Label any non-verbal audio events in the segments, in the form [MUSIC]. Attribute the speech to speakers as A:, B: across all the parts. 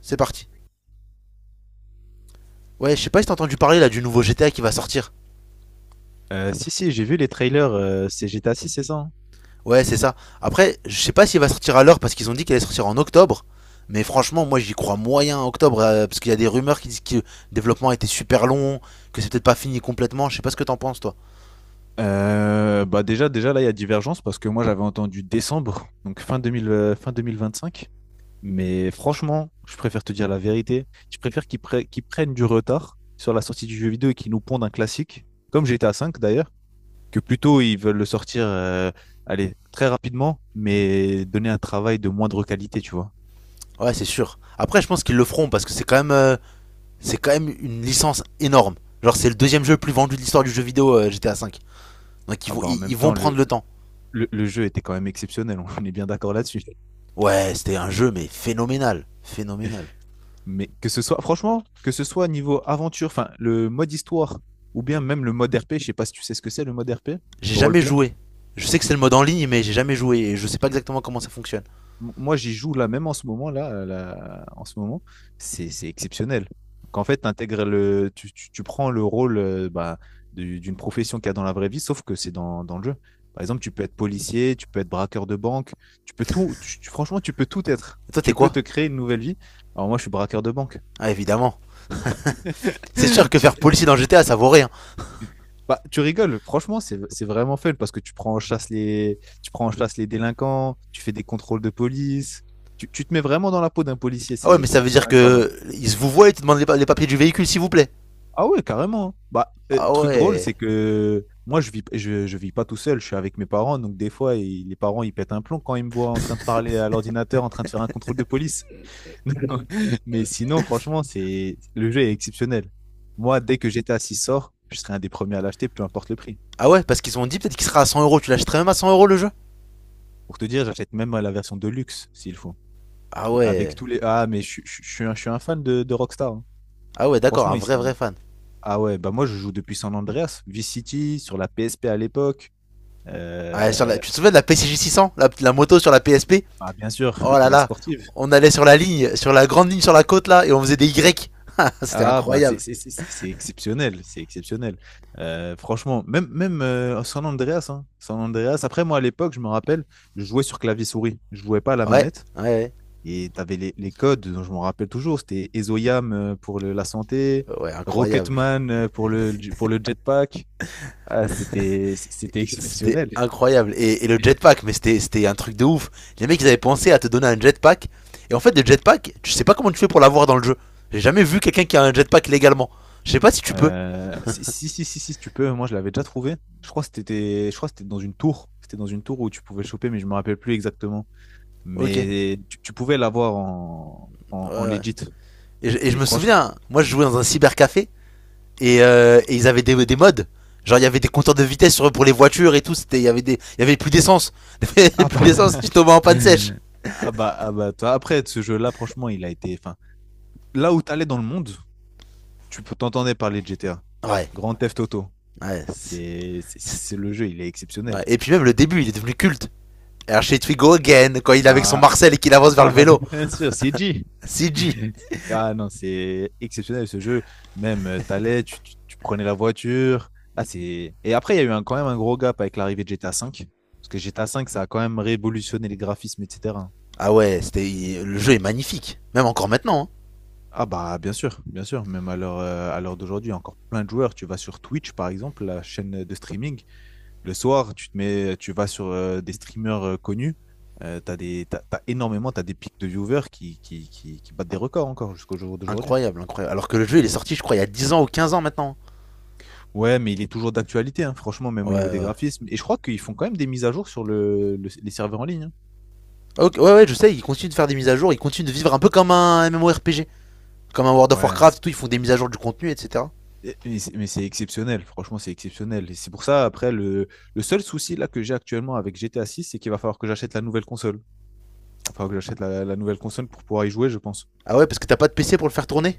A: C'est parti. Ouais, je sais pas si t'as entendu parler là du nouveau GTA qui va sortir.
B: Si, si, j'ai vu les trailers, c'est GTA 6, c'est ça? Hein.
A: Ouais, c'est ça. Après, je sais pas s'il va sortir à l'heure parce qu'ils ont dit qu'il allait sortir en octobre. Mais franchement, moi j'y crois moyen en octobre parce qu'il y a des rumeurs qui disent que le développement a été super long, que c'est peut-être pas fini complètement. Je sais pas ce que t'en penses, toi.
B: Bah déjà là, il y a divergence parce que moi j'avais entendu décembre, [LAUGHS] donc fin 2000, fin 2025. Mais franchement, je préfère te dire la vérité. Je préfère qu'ils prennent du retard sur la sortie du jeu vidéo et qu'ils nous pondent un classique, comme GTA 5 d'ailleurs, que plutôt ils veulent le sortir, allez, très rapidement, mais donner un travail de moindre qualité, tu vois.
A: Ouais, c'est sûr. Après, je pense qu'ils le feront parce que c'est quand même, une licence énorme. Genre, c'est le deuxième jeu le plus vendu de l'histoire du jeu vidéo GTA V. Donc ils
B: Ah
A: vont,
B: bah en
A: ils,
B: même
A: ils vont
B: temps, le,
A: prendre le temps.
B: le, le jeu était quand même exceptionnel, [LAUGHS] on est bien d'accord là-dessus.
A: Ouais, c'était un jeu mais phénoménal, phénoménal.
B: Mais que ce soit, franchement, que ce soit niveau aventure, enfin, le mode histoire, ou bien même le mode RP, je sais pas si tu sais ce que c'est le mode RP,
A: J'ai
B: au
A: jamais
B: roleplay.
A: joué. Je sais que c'est le mode en ligne, mais j'ai jamais joué et je sais pas exactement comment ça fonctionne.
B: Moi, j'y joue là, même en ce moment, en ce moment, c'est exceptionnel. Donc, en fait, t'intègres le, tu- tu prends le rôle bah, d'une profession qu'il y a dans la vraie vie, sauf que c'est dans le jeu. Par exemple, tu peux être policier, tu peux être braqueur de banque, tu peux tout, tu- tu- franchement, tu peux tout être.
A: Et toi, t'es
B: Tu peux te
A: quoi?
B: créer une nouvelle vie. Alors moi, je suis braqueur de banque.
A: Ah, évidemment. C'est sûr
B: [LAUGHS]
A: que faire
B: Tu-
A: policier dans GTA, ça vaut rien.
B: Bah, tu rigoles, franchement, c'est vraiment fun parce que tu prends en chasse les délinquants, tu fais des contrôles de police, tu te mets vraiment dans la peau d'un policier,
A: Ah ouais,
B: c'est
A: mais ça
B: c'est-
A: veut
B: c'est
A: dire
B: quand même pas mal.
A: que ils se vous voient et te demandent les papiers du véhicule, s'il vous plaît.
B: Ah ouais, carrément. Hein. Bah,
A: Ah
B: truc drôle,
A: ouais.
B: c'est que moi, je vis pas tout seul, je suis avec mes parents, donc des fois, les parents, ils pètent un plomb quand ils me voient en train de parler à l'ordinateur, en train de faire un contrôle de police. [LAUGHS] Mais sinon, franchement, le jeu est exceptionnel. Moi, dès que GTA 6 sort, je serai un des premiers à l'acheter, peu importe le prix.
A: Ah ouais, parce qu'ils ont dit peut-être qu'il sera à cent euros. Tu l'achèterais même à 100 € le jeu?
B: Pour te dire, j'achète même la version de luxe, s'il faut.
A: Ah
B: Avec
A: ouais.
B: tous les. Ah, mais je suis un fan de Rockstar. Hein.
A: Ah ouais, d'accord,
B: Franchement,
A: un
B: ils
A: vrai
B: sont.
A: vrai fan.
B: Ah ouais, bah moi, je joue depuis San Andreas, Vice City, sur la PSP à l'époque.
A: Ah, sur la...
B: Euh,
A: Tu te souviens de la PCJ 600 la moto sur la PSP?
B: Bah, bien sûr,
A: Oh là
B: la
A: là.
B: sportive.
A: On allait sur la ligne, sur la grande ligne sur la côte là, et on faisait des Y. [LAUGHS] C'était
B: Ah, bah, c'est
A: incroyable.
B: c'est- c'est- c'est exceptionnel. C'est exceptionnel. Franchement, même, même San Andreas. Hein, San Andreas. Après, moi, à l'époque, je me rappelle, je jouais sur clavier-souris. Je jouais pas à la
A: Ouais,
B: manette.
A: ouais,
B: Et tu avais les codes dont je me rappelle toujours. C'était Ezoyam pour la santé,
A: ouais, ouais, incroyable.
B: Rocketman pour le jetpack. Ah, c'était
A: C'était
B: exceptionnel.
A: incroyable. Et le jetpack, mais c'était un truc de ouf. Les mecs, ils avaient pensé à te donner un jetpack. Et en fait, le jetpack, tu sais pas comment tu fais pour l'avoir dans le jeu. J'ai jamais vu quelqu'un qui a un jetpack légalement. Je sais pas si tu peux.
B: Si, si, si, si, si, si tu peux, moi je l'avais déjà trouvé. Je crois que c'était dans une tour. C'était dans une tour où tu pouvais le choper, mais je me rappelle plus exactement.
A: Ok.
B: Mais tu pouvais l'avoir en
A: Ouais.
B: legit.
A: Et je
B: Et
A: me
B: franchement,
A: souviens, moi je jouais dans un cybercafé et ils avaient des mods. Genre il y avait des compteurs de vitesse pour les voitures et tout. Il y avait plus d'essence. [LAUGHS]
B: ah bah,
A: plus d'essence, si tu tombais
B: [LAUGHS]
A: en panne sèche.
B: toi, après, ce jeu-là, franchement, il a été, enfin, là où t'allais dans le monde, tu peux t'entendre parler de GTA.
A: Ouais.
B: Grand Theft Auto.
A: Ouais.
B: C'est le jeu, il est exceptionnel.
A: Ouais. Et puis même le début, il est devenu culte. Archie we go again, quand il est avec son
B: Ah,
A: Marcel et qu'il avance vers
B: ah
A: le
B: bah
A: vélo.
B: bien sûr, CG.
A: CG.
B: [LAUGHS] Ah non, c'est exceptionnel ce jeu. Même, tu prenais la voiture. Ah, c'est... Et après, il y a eu quand même un gros gap avec l'arrivée de GTA 5. Parce que GTA 5, ça a quand même révolutionné les graphismes, etc.
A: Ah ouais, c'était le jeu est magnifique. Même encore maintenant, hein.
B: Ah bah bien sûr, bien sûr. Même à l'heure d'aujourd'hui, il y a encore plein de joueurs. Tu vas sur Twitch, par exemple, la chaîne de streaming. Le soir, tu vas sur des streamers connus. T'as des, t'as, t'as énormément, t'as des pics de viewers qui battent des records encore jusqu'au jour d'aujourd'hui.
A: Incroyable, incroyable. Alors que le jeu il est sorti, je crois, il y a 10 ans ou 15 ans maintenant.
B: Ouais, mais il est toujours d'actualité, hein, franchement, même
A: Ouais,
B: au niveau
A: ouais.
B: des
A: Ouais.
B: graphismes. Et je crois qu'ils font quand même des mises à jour sur les serveurs en ligne. Hein.
A: Ok, ouais, ouais, je sais, ils continuent de faire des mises à jour, ils continuent de vivre un peu comme un MMORPG. Comme un World of
B: Ouais, c'est-
A: Warcraft, tout, ils font des mises à jour du contenu, etc.
B: et- mais c'est mais c'est exceptionnel, franchement, c'est exceptionnel. Et c'est pour ça, après, le seul souci là que j'ai actuellement avec GTA 6, c'est qu'il va falloir que j'achète la nouvelle console. Il va falloir que j'achète la nouvelle console pour pouvoir y jouer, je pense.
A: Ah ouais, parce que t'as pas de PC pour le faire tourner?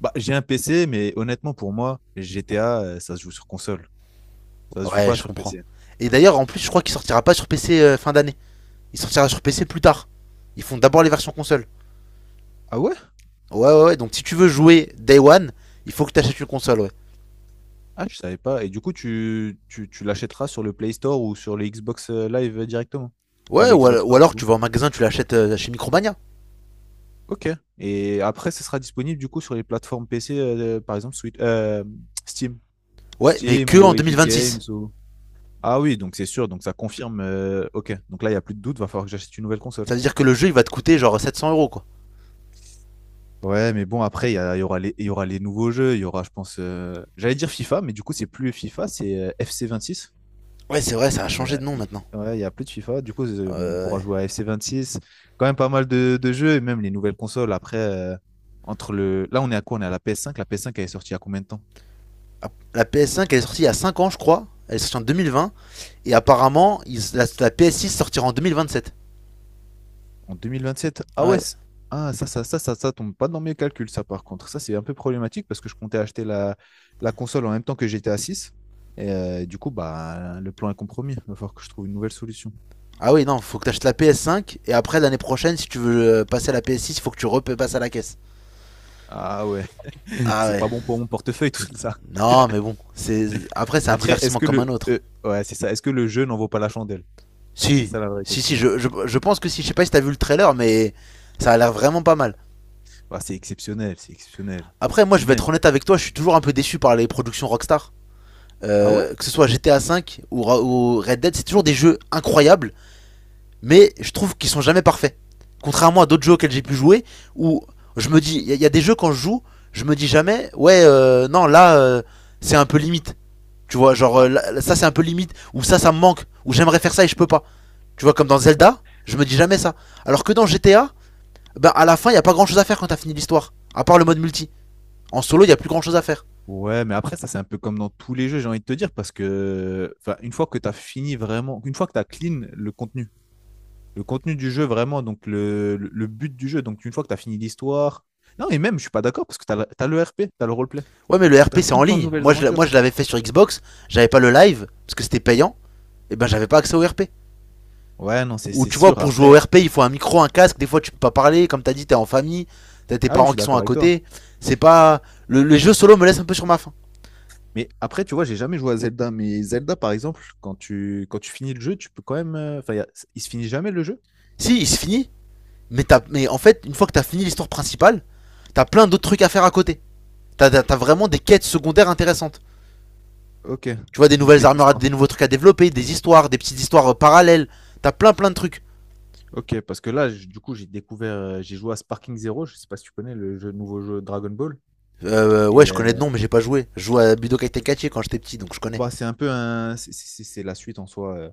B: Bah, j'ai un PC, mais honnêtement, pour moi, GTA, ça se joue sur console. Ça se joue
A: Ouais,
B: pas
A: je
B: sur
A: comprends.
B: PC.
A: Et d'ailleurs, en plus, je crois qu'il sortira pas sur PC fin d'année. Il sortira sur PC plus tard. Ils font d'abord les versions console.
B: Ah ouais?
A: Ouais, ouais, ouais. Donc si tu veux jouer Day One, il faut que tu achètes une console, ouais.
B: Ah, je savais pas. Et du coup, tu l'achèteras sur le Play Store ou sur le Xbox Live directement. Enfin,
A: Ouais,
B: le
A: ou,
B: Xbox Store, du
A: alors tu
B: coup.
A: vas en magasin, tu l'achètes chez Micromania.
B: Ok. Et après, ce sera disponible, du coup, sur les plateformes PC, par exemple, Steam.
A: Ouais, mais
B: Steam
A: que
B: ou
A: en
B: Epic Games
A: 2026.
B: ou... Ah oui, donc c'est sûr. Donc ça confirme. Ok. Donc là, il n'y a plus de doute. Va falloir que j'achète une nouvelle console.
A: Ça veut dire que le jeu, il va te coûter genre 700 euros, quoi.
B: Ouais, mais bon, après, il y aura les nouveaux jeux. Il y aura, je pense, j'allais dire FIFA, mais du coup, c'est plus FIFA, c'est FC26.
A: Ouais, c'est vrai, ça a
B: Il
A: changé
B: va-
A: de nom
B: il-
A: maintenant.
B: ouais, il y a plus de FIFA. Du coup, on
A: Euh,
B: pourra jouer à FC26. Quand même pas mal de jeux, et même les nouvelles consoles. Après, entre le. Là, on est à quoi? On est à la PS5. La PS5, elle est sortie il y a combien de temps?
A: la PS5, elle est sortie il y a 5 ans, je crois. Elle est sortie en 2020. Et apparemment, la PS6 sortira en 2027.
B: En 2027? Ah ouais,
A: Ouais.
B: ah, ça tombe pas dans mes calculs, ça, par contre. Ça, c'est un peu problématique parce que je comptais acheter la console en même temps que j'étais à 6. Et du coup, bah, le plan est compromis. Il va falloir que je trouve une nouvelle solution.
A: Ah oui, non, faut que tu achètes la PS5. Et après, l'année prochaine, si tu veux passer à la PS6, il faut que tu repasses à la caisse.
B: Ah ouais, [LAUGHS]
A: Ah
B: c'est
A: ouais.
B: pas bon pour mon portefeuille tout ça.
A: Non, mais bon. C'est Après, c'est un
B: Après, est-ce
A: divertissement
B: que
A: comme un
B: le
A: autre.
B: ouais, c'est ça, est-ce que le jeu n'en vaut pas la chandelle? C'est
A: Si,
B: ça la vraie
A: si, si,
B: question.
A: je pense que si, je sais pas si t'as vu le trailer, mais ça a l'air vraiment pas mal.
B: Bah, c'est exceptionnel, c'est exceptionnel.
A: Après, moi,
B: Et
A: je vais
B: même.
A: être honnête avec toi, je suis toujours un peu déçu par les productions Rockstar.
B: Ah ouais?
A: Que ce soit GTA 5 ou Red Dead, c'est toujours des jeux incroyables, mais je trouve qu'ils sont jamais parfaits. Contrairement à d'autres jeux auxquels j'ai pu jouer, où je me dis, y a des jeux quand je joue, je me dis jamais, ouais, non, là, c'est un peu limite. Tu vois, genre,
B: Bah.
A: ça c'est un peu limite, ou ça me manque, ou j'aimerais faire ça et je peux pas. Tu vois, comme dans
B: Ouais. Bah
A: Zelda, je me dis jamais ça. Alors que dans GTA, ben, à la fin, il y a pas grand chose à faire quand t'as fini l'histoire, à part le mode multi. En solo, il y a plus grand chose à faire.
B: ouais, mais après ça c'est un peu comme dans tous les jeux, j'ai envie de te dire parce que enfin une fois que tu as clean le contenu du jeu vraiment donc le but du jeu, donc une fois que tu as fini l'histoire. Non, et même je suis pas d'accord parce que t'as le RP, tu as le roleplay.
A: Ouais, mais le
B: Donc tu as
A: RP c'est
B: tout
A: en
B: le temps de
A: ligne.
B: nouvelles
A: Moi, je,
B: aventures.
A: moi, je l'avais fait sur Xbox, j'avais pas le live, parce que c'était payant, et ben j'avais pas accès au RP.
B: Ouais, non, c'est
A: Ou
B: c'est
A: tu vois,
B: sûr.
A: pour jouer
B: Après,
A: au RP, il faut un micro, un casque. Des fois, tu peux pas parler. Comme t'as dit, t'es en famille, t'as tes
B: ah oui, je
A: parents
B: suis
A: qui sont
B: d'accord
A: à
B: avec toi.
A: côté. C'est pas. Le jeu solo me laisse un peu sur ma faim.
B: Mais après, tu vois, j'ai jamais joué à Zelda. Mais Zelda, par exemple, quand tu finis le jeu, tu peux quand même. Enfin, il se finit jamais le jeu?
A: Si, il se finit, mais, en fait, une fois que t'as fini l'histoire principale, t'as plein d'autres trucs à faire à côté. T'as vraiment des quêtes secondaires intéressantes.
B: Ok.
A: Tu vois, des
B: Donc
A: nouvelles
B: les
A: armures,
B: histoires.
A: des nouveaux trucs à développer, des histoires, des petites histoires parallèles. T'as plein plein de trucs.
B: Ok, parce que là, du coup, j'ai joué à Sparking Zero. Je sais pas si tu connais le jeu, nouveau jeu Dragon Ball.
A: Ouais,
B: Et
A: je connais de nom, mais j'ai pas joué. Je jouais à Budokai Tenkaichi quand j'étais petit, donc je connais.
B: bah, c'est un peu un, c'est la suite en soi.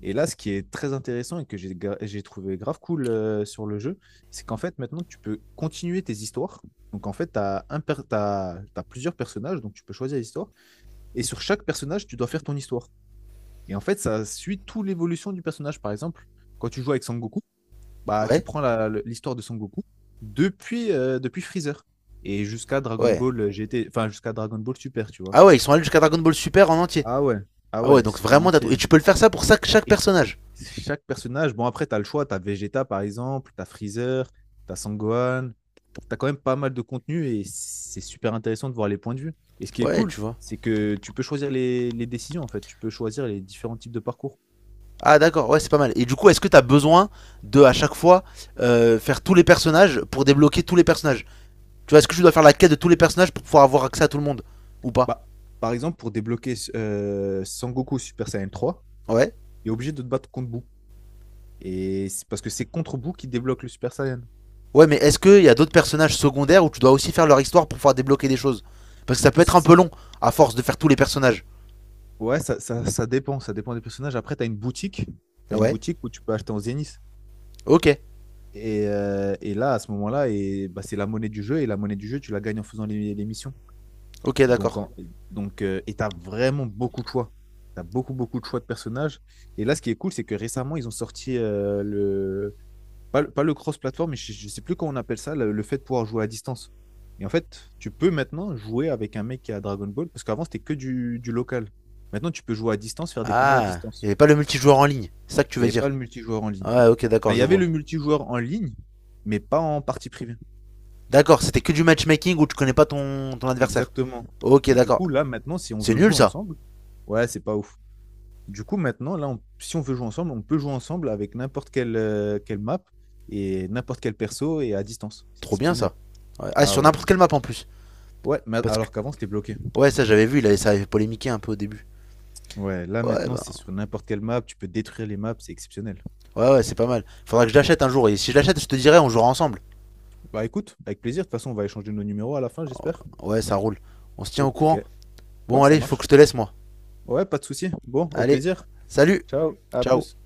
B: Et là, ce qui est très intéressant et que j'ai trouvé grave cool sur le jeu, c'est qu'en fait, maintenant, tu peux continuer tes histoires. Donc en fait, tu as, un per- t'as- t'as plusieurs personnages, donc tu peux choisir l'histoire. Et sur chaque personnage, tu dois faire ton histoire. Et en fait, ça suit toute l'évolution du personnage. Par exemple, quand tu joues avec Sangoku, bah, tu
A: Ouais.
B: prends l'histoire de Sangoku depuis Freezer et jusqu'à Dragon
A: Ouais.
B: Ball GT, enfin jusqu'à Dragon Ball Super, tu vois.
A: Ah ouais, ils sont allés jusqu'à Dragon Ball Super en entier.
B: Ah ouais, ah
A: Ah ouais,
B: ouais,
A: donc
B: c'est en
A: vraiment t'as tout. Et
B: entier.
A: tu peux le faire ça pour chaque
B: Et
A: personnage.
B: chaque personnage, bon après, t'as le choix, t'as Vegeta par exemple, t'as Freezer, t'as as Sangohan, tu quand même pas mal de contenu et c'est super intéressant de voir les points de vue. Et ce qui est
A: Ouais,
B: cool,
A: tu vois.
B: c'est que tu peux choisir les décisions en fait, tu peux choisir les différents types de parcours.
A: Ah d'accord, ouais, c'est pas mal. Et du coup, est-ce que t'as besoin de, à chaque fois, faire tous les personnages pour débloquer tous les personnages? Tu vois, est-ce que tu dois faire la quête de tous les personnages pour pouvoir avoir accès à tout le monde? Ou pas?
B: Bah, par exemple, pour débloquer Sangoku Super Saiyan 3,
A: Ouais.
B: il est obligé de te battre contre Boo. Et c'est parce que c'est contre Boo qui débloque le Super Saiyan.
A: Ouais, mais est-ce qu'il y a d'autres personnages secondaires où tu dois aussi faire leur histoire pour pouvoir débloquer des choses? Parce que ça peut
B: Ça-
A: être un
B: ça-
A: peu long, à force de faire tous les personnages.
B: ouais, ça dépend des personnages. Après, tu as une boutique, tu une
A: Ouais.
B: boutique où tu peux acheter en Zenith.
A: Ok.
B: Et, là, à ce moment-là, et, bah, c'est la monnaie du jeu. Et la monnaie du jeu, tu la gagnes en faisant les missions.
A: Ok,
B: Donc,
A: d'accord.
B: donc, et tu as vraiment beaucoup de choix. Tu as beaucoup, beaucoup de choix de personnages. Et là, ce qui est cool, c'est que récemment, ils ont sorti pas le cross-platform, mais je ne sais plus comment on appelle ça, le fait de pouvoir jouer à distance. Et en fait, tu peux maintenant jouer avec un mec qui a Dragon Ball, parce qu'avant, c'était que du local. Maintenant, tu peux jouer à distance, faire des combats à
A: Ah, il n'y
B: distance.
A: avait pas le multijoueur en ligne. C'est ça que tu
B: Il n'y
A: veux
B: avait pas
A: dire?
B: le multijoueur en ligne.
A: Ouais, ok, d'accord,
B: Enfin, il y
A: je
B: avait
A: vois.
B: le multijoueur en ligne, mais pas en partie privée.
A: D'accord, c'était que du matchmaking où tu connais pas ton adversaire.
B: Exactement.
A: Ok,
B: Et du
A: d'accord.
B: coup, là, maintenant, si on
A: C'est
B: veut
A: nul
B: jouer
A: ça.
B: ensemble, ouais, c'est pas ouf. Du coup, maintenant, là, si on veut jouer ensemble, on peut jouer ensemble avec quelle map et n'importe quel perso et à distance. C'est
A: Trop bien
B: exceptionnel.
A: ça. Ouais. Ah,
B: Ah
A: sur
B: ouais,
A: n'importe
B: non.
A: quelle map en plus.
B: Ouais, mais
A: Parce que.
B: alors qu'avant, c'était bloqué.
A: Ouais, ça j'avais vu, ça avait polémiqué un peu au début.
B: Ouais, là,
A: Ouais,
B: maintenant,
A: bah.
B: c'est sur n'importe quelle map. Tu peux détruire les maps, c'est exceptionnel.
A: Ouais, ouais, c'est pas mal. Faudra que je l'achète un jour. Et si je l'achète, je te dirai, on jouera ensemble.
B: Bah écoute, avec plaisir. De toute façon, on va échanger nos numéros à la fin, j'espère.
A: Ouais, ça roule. On se tient au
B: Ok.
A: courant.
B: Ouais,
A: Bon,
B: ça
A: allez, faut
B: marche.
A: que je te laisse moi.
B: Ouais, pas de souci. Bon, au
A: Allez,
B: plaisir.
A: salut,
B: Ciao, à
A: ciao.
B: plus.